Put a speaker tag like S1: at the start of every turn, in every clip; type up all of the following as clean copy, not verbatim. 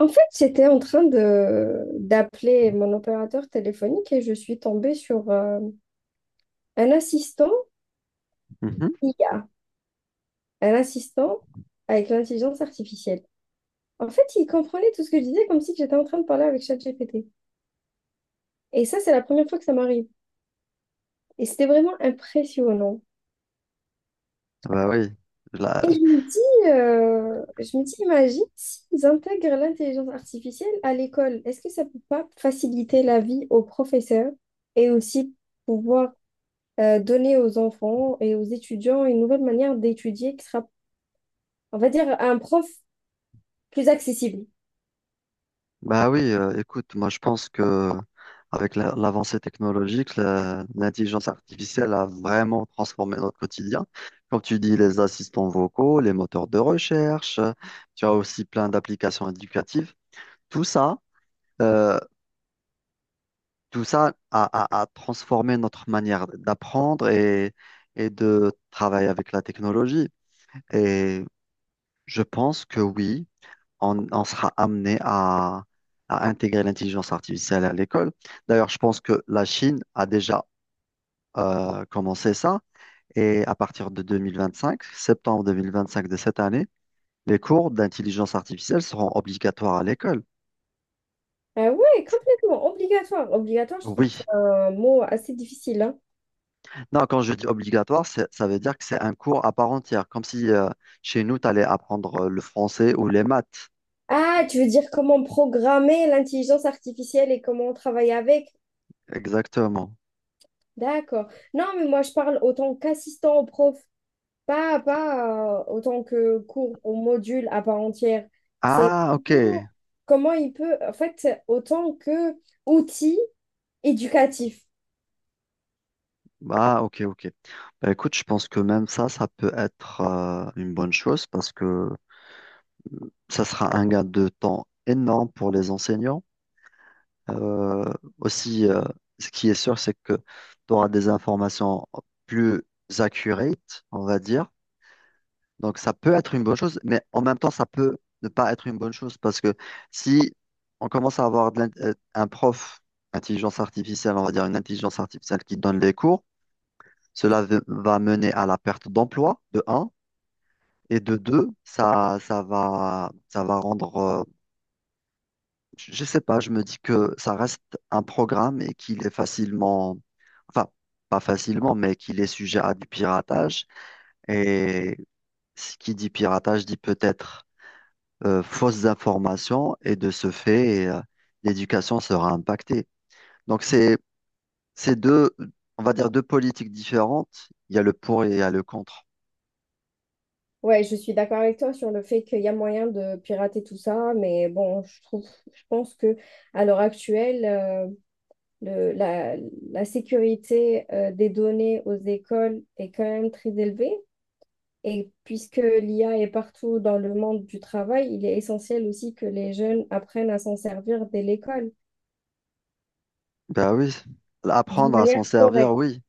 S1: En fait, j'étais en train de d'appeler mon opérateur téléphonique et je suis tombée sur un assistant
S2: Mhm.
S1: IA, un assistant avec l'intelligence artificielle. En fait, il comprenait tout ce que je disais comme si j'étais en train de parler avec ChatGPT. Et ça, c'est la première fois que ça m'arrive. Et c'était vraiment impressionnant.
S2: Bah oui,
S1: Et
S2: La-
S1: je me dis, imagine s'ils intègrent l'intelligence artificielle à l'école, est-ce que ça peut pas faciliter la vie aux professeurs et aussi pouvoir donner aux enfants et aux étudiants une nouvelle manière d'étudier qui sera, on va dire, un prof plus accessible.
S2: écoute, moi je pense que avec l'avancée technologique, l'intelligence artificielle a vraiment transformé notre quotidien. Comme tu dis, les assistants vocaux, les moteurs de recherche, tu as aussi plein d'applications éducatives. Tout ça, euh, tout ça a transformé notre manière d'apprendre et de travailler avec la technologie. Et je pense que oui. On sera amené à intégrer l'intelligence artificielle à l'école. D'ailleurs, je pense que la Chine a déjà commencé ça et à partir de 2025, septembre 2025 de cette année, les cours d'intelligence artificielle seront obligatoires à l'école.
S1: Ah ouais, complètement, obligatoire. Obligatoire, je trouve que
S2: Oui.
S1: c'est un mot assez difficile, hein.
S2: Non, quand je dis obligatoire, ça veut dire que c'est un cours à part entière, comme si chez nous, tu allais apprendre le français ou les maths.
S1: Ah, tu veux dire comment programmer l'intelligence artificielle et comment travailler avec?
S2: Exactement.
S1: D'accord. Non, mais moi, je parle autant qu'assistant au prof, pas autant que cours au module à part entière. C'est
S2: Ah, ok.
S1: comment comment il peut, en fait, autant que outil éducatif.
S2: Ah, ok, ok. Bah, écoute, je pense que même ça, ça peut être une bonne chose parce que ça sera un gain de temps énorme pour les enseignants. Euh, aussi, ce qui est sûr, c'est que tu auras des informations plus accurate, on va dire. Donc, ça peut être une bonne chose, mais en même temps, ça peut ne pas être une bonne chose parce que si on commence à avoir un prof, intelligence artificielle, on va dire une intelligence artificielle qui donne les cours, cela va mener à la perte d'emploi, de un, et de deux, ça va rendre, je sais pas, je me dis que ça reste un programme et qu'il est facilement, enfin, pas facilement, mais qu'il est sujet à du piratage. Et ce qui dit piratage dit peut-être fausses informations, et de ce fait, l'éducation sera impactée. Donc c'est, c'est deux, on va dire deux politiques différentes. Il y a le pour et il y a le contre.
S1: Ouais, je suis d'accord avec toi sur le fait qu'il y a moyen de pirater tout ça, mais bon, je trouve, je pense que à l'heure actuelle, le- la, la sécurité des données aux écoles est quand même très élevée. Et puisque l'IA est partout dans le monde du travail, il est essentiel aussi que les jeunes apprennent à s'en servir dès l'école,
S2: Ben oui,
S1: d'une
S2: apprendre à s'en
S1: manière
S2: servir,
S1: correcte.
S2: oui.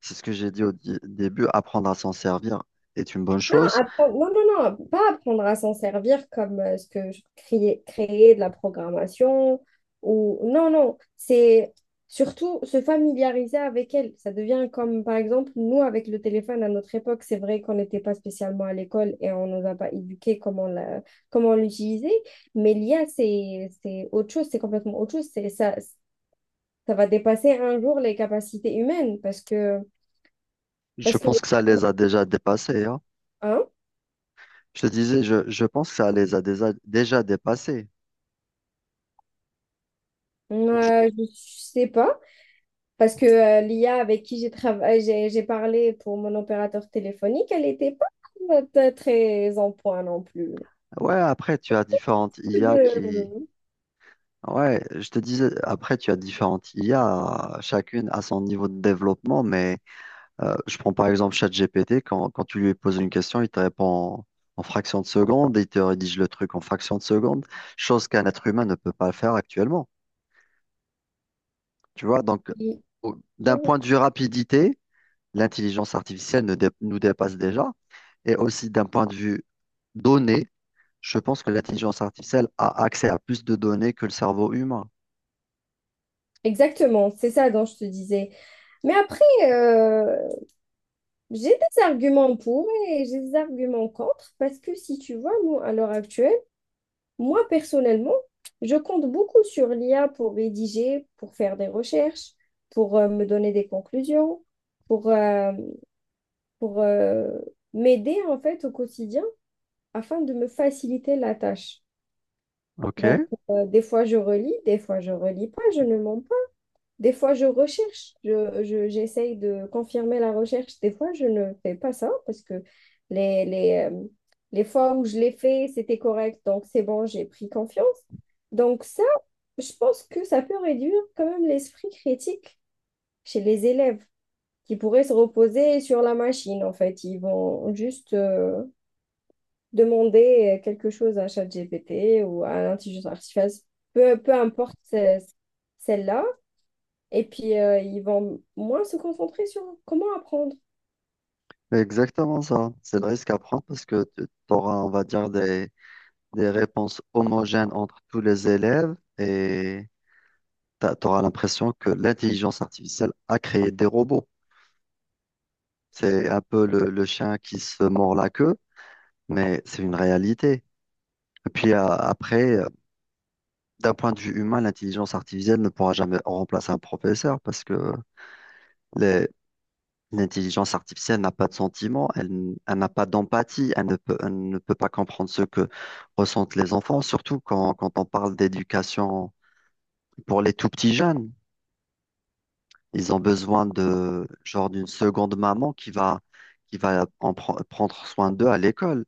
S2: C'est ce que j'ai dit au début, apprendre à s'en servir est une bonne
S1: Non,
S2: chose.
S1: non, non, non, pas apprendre à s'en servir comme ce que je créais, créer de la programmation ou non, non, c'est surtout se familiariser avec elle. Ça devient comme, par exemple, nous avec le téléphone à notre époque, c'est vrai qu'on n'était pas spécialement à l'école et on ne nous a pas éduqué comment comment l'utiliser, mais l'IA, c'est autre chose, c'est complètement autre chose. C'est, ça va dépasser un jour les capacités humaines
S2: Je
S1: parce que,
S2: pense que ça les a déjà dépassés, hein.
S1: hein,
S2: Je te disais, je pense que ça les a déjà, déjà dépassés.
S1: je sais pas. Parce que l'IA avec qui j'ai travaillé, j'ai parlé pour mon opérateur téléphonique, elle n'était pas très en point non plus.
S2: Ouais, après, tu as différentes IA qui...
S1: de-
S2: Ouais, je te disais, après, tu as différentes IA, chacune à son niveau de développement, mais... je prends par exemple ChatGPT, quand tu lui poses une question, il te répond en, en fraction de seconde, il te rédige le truc en fraction de seconde, chose qu'un être humain ne peut pas faire actuellement. Tu vois, donc
S1: Oui.
S2: d'un point de vue rapidité, l'intelligence artificielle ne dé- nous dépasse déjà, et aussi d'un point de vue données, je pense que l'intelligence artificielle a accès à plus de données que le cerveau humain.
S1: Exactement, c'est ça dont je te disais. Mais après, euh, j'ai des arguments pour et j'ai des arguments contre parce que si tu vois, nous, à l'heure actuelle, moi personnellement, je compte beaucoup sur l'IA pour rédiger, pour faire des recherches, pour me donner des conclusions, pour euh, pour m'aider en fait au quotidien afin de me faciliter la tâche.
S2: Ok,
S1: Donc, des fois je relis, des fois je relis pas, je ne mens pas. Des fois je recherche, j'essaye de confirmer la recherche. Des fois je ne fais pas ça parce que les, les, euh, les fois où je l'ai fait, c'était correct. Donc, c'est bon, j'ai pris confiance. Donc, ça, je pense que ça peut réduire quand même l'esprit critique chez les élèves qui pourraient se reposer sur la machine, en fait. Ils vont juste demander quelque chose à ChatGPT ou à l'intelligence artificielle, peu importe celle-là. Et puis, ils vont moins se concentrer sur comment apprendre.
S2: c'est exactement ça. C'est le risque à prendre parce que tu auras, on va dire, des réponses homogènes entre tous les élèves et tu auras l'impression que l'intelligence artificielle a créé des robots. C'est un peu le chien qui se mord la queue, mais c'est une réalité. Et puis après, d'un point de vue humain, l'intelligence artificielle ne pourra jamais remplacer un professeur parce que les- l'intelligence artificielle n'a pas de sentiments, elle n'a pas d'empathie, elle ne peut pas comprendre ce que ressentent les enfants, surtout quand on parle d'éducation pour les tout petits jeunes. Ils ont besoin de genre d'une seconde maman qui va en prendre soin d'eux à l'école.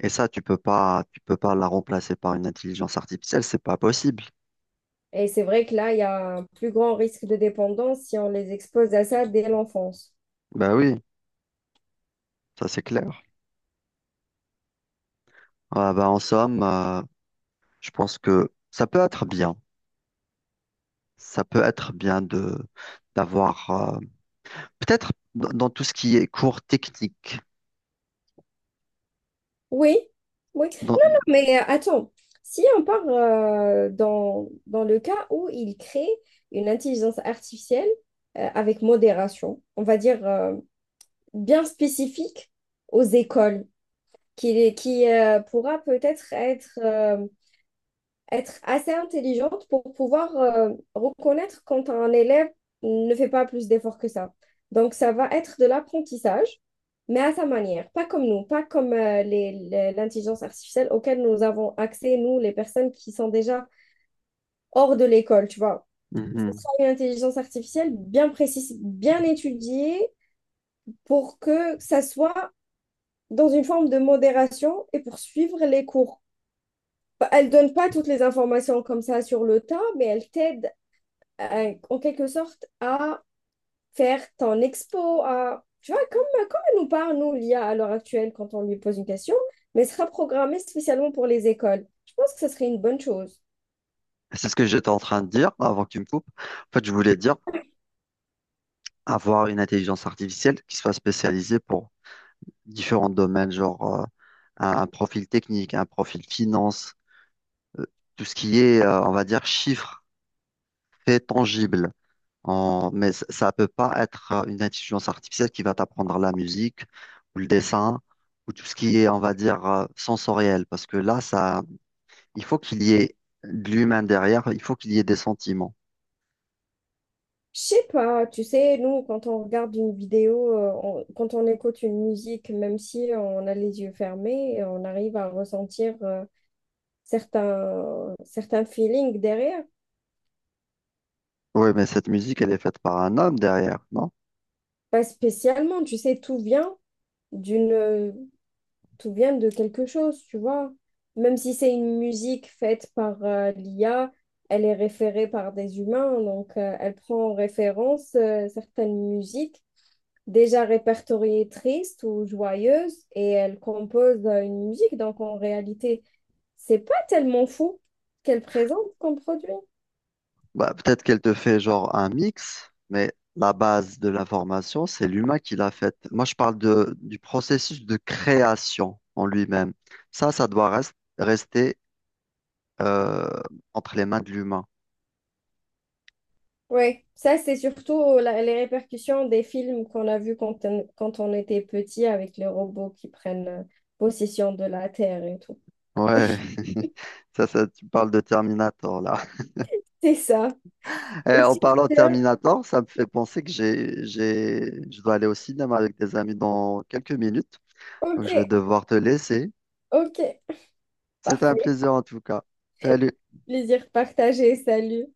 S2: Et ça, tu peux pas la remplacer par une intelligence artificielle, c'est pas possible.
S1: Et c'est vrai que là, il y a un plus grand risque de dépendance si on les expose à ça dès l'enfance.
S2: Bah oui, ça c'est clair. Ah bah en somme, je pense que ça peut être bien. Ça peut être bien de d'avoir peut-être dans tout ce qui est cours technique.
S1: Oui, oui. Non,
S2: Dans...
S1: non, mais attends, si on part dans le cas où ils créent une intelligence artificielle avec modération, on va dire bien spécifique aux écoles. Qui qui pourra peut-être être assez intelligente pour pouvoir reconnaître quand un élève ne fait pas plus d'efforts que ça. Donc, ça va être de l'apprentissage, mais à sa manière, pas comme nous, pas comme l'intelligence artificielle auquel nous avons accès, nous, les personnes qui sont déjà hors de l'école, tu vois. Ce
S2: Mhm.
S1: sera une intelligence artificielle bien précise, bien étudiée pour que ça soit dans une forme de modération et pour suivre les cours. Bah, elle donne pas toutes les informations comme ça sur le tas, mais elle t'aide en quelque sorte à faire ton expo, à... Tu vois, comme, comme elle nous parle, nous, l'IA, à l'heure actuelle, quand on lui pose une question, mais elle sera programmée spécialement pour les écoles. Je pense que ce serait une bonne chose.
S2: C'est ce que j'étais en train de dire avant que tu me coupes. En fait, je voulais dire avoir une intelligence artificielle qui soit spécialisée pour différents domaines, genre un profil technique, un profil finance, euh, tout ce qui est, on va dire, chiffres, faits tangibles. Mais ça peut pas être une intelligence artificielle qui va t'apprendre la musique ou le dessin ou tout ce qui est, on va dire, sensoriel, parce que là, ça, il faut qu'il y ait de l'humain derrière, il faut qu'il y ait des sentiments.
S1: Je sais pas, tu sais, nous, quand on regarde une vidéo, quand on écoute une musique, même si on a les yeux fermés, on arrive à ressentir certains feelings derrière.
S2: Oui, mais cette musique, elle est faite par un homme derrière, non?
S1: Pas spécialement, tu sais, tout vient. D'une tout vient de quelque chose, tu vois. Même si c'est une musique faite par l'IA, elle est référée par des humains, donc elle prend en référence certaines musiques déjà répertoriées tristes ou joyeuses et elle compose une musique. Donc en réalité, c'est pas tellement fou qu'elle présente comme produit.
S2: Bah, peut-être qu'elle te fait genre un mix, mais la base de l'information, c'est l'humain qui l'a faite. Moi, je parle du processus de création en lui-même. Ça doit rester euh, entre les mains de l'humain.
S1: Oui, ça c'est surtout les répercussions des films qu'on a vus quand on était petit avec les robots qui prennent possession de la Terre et tout.
S2: Ouais, ça, tu parles de Terminator là.
S1: C'est ça.
S2: Eh,
S1: Et
S2: en
S1: sur
S2: parlant de
S1: ce,
S2: Terminator, ça me fait penser que je dois aller au cinéma avec des amis dans quelques minutes.
S1: ok,
S2: Donc, je vais devoir te laisser.
S1: ok,
S2: C'était un
S1: parfait.
S2: plaisir en tout cas. Salut.
S1: Plaisir partagé, salut.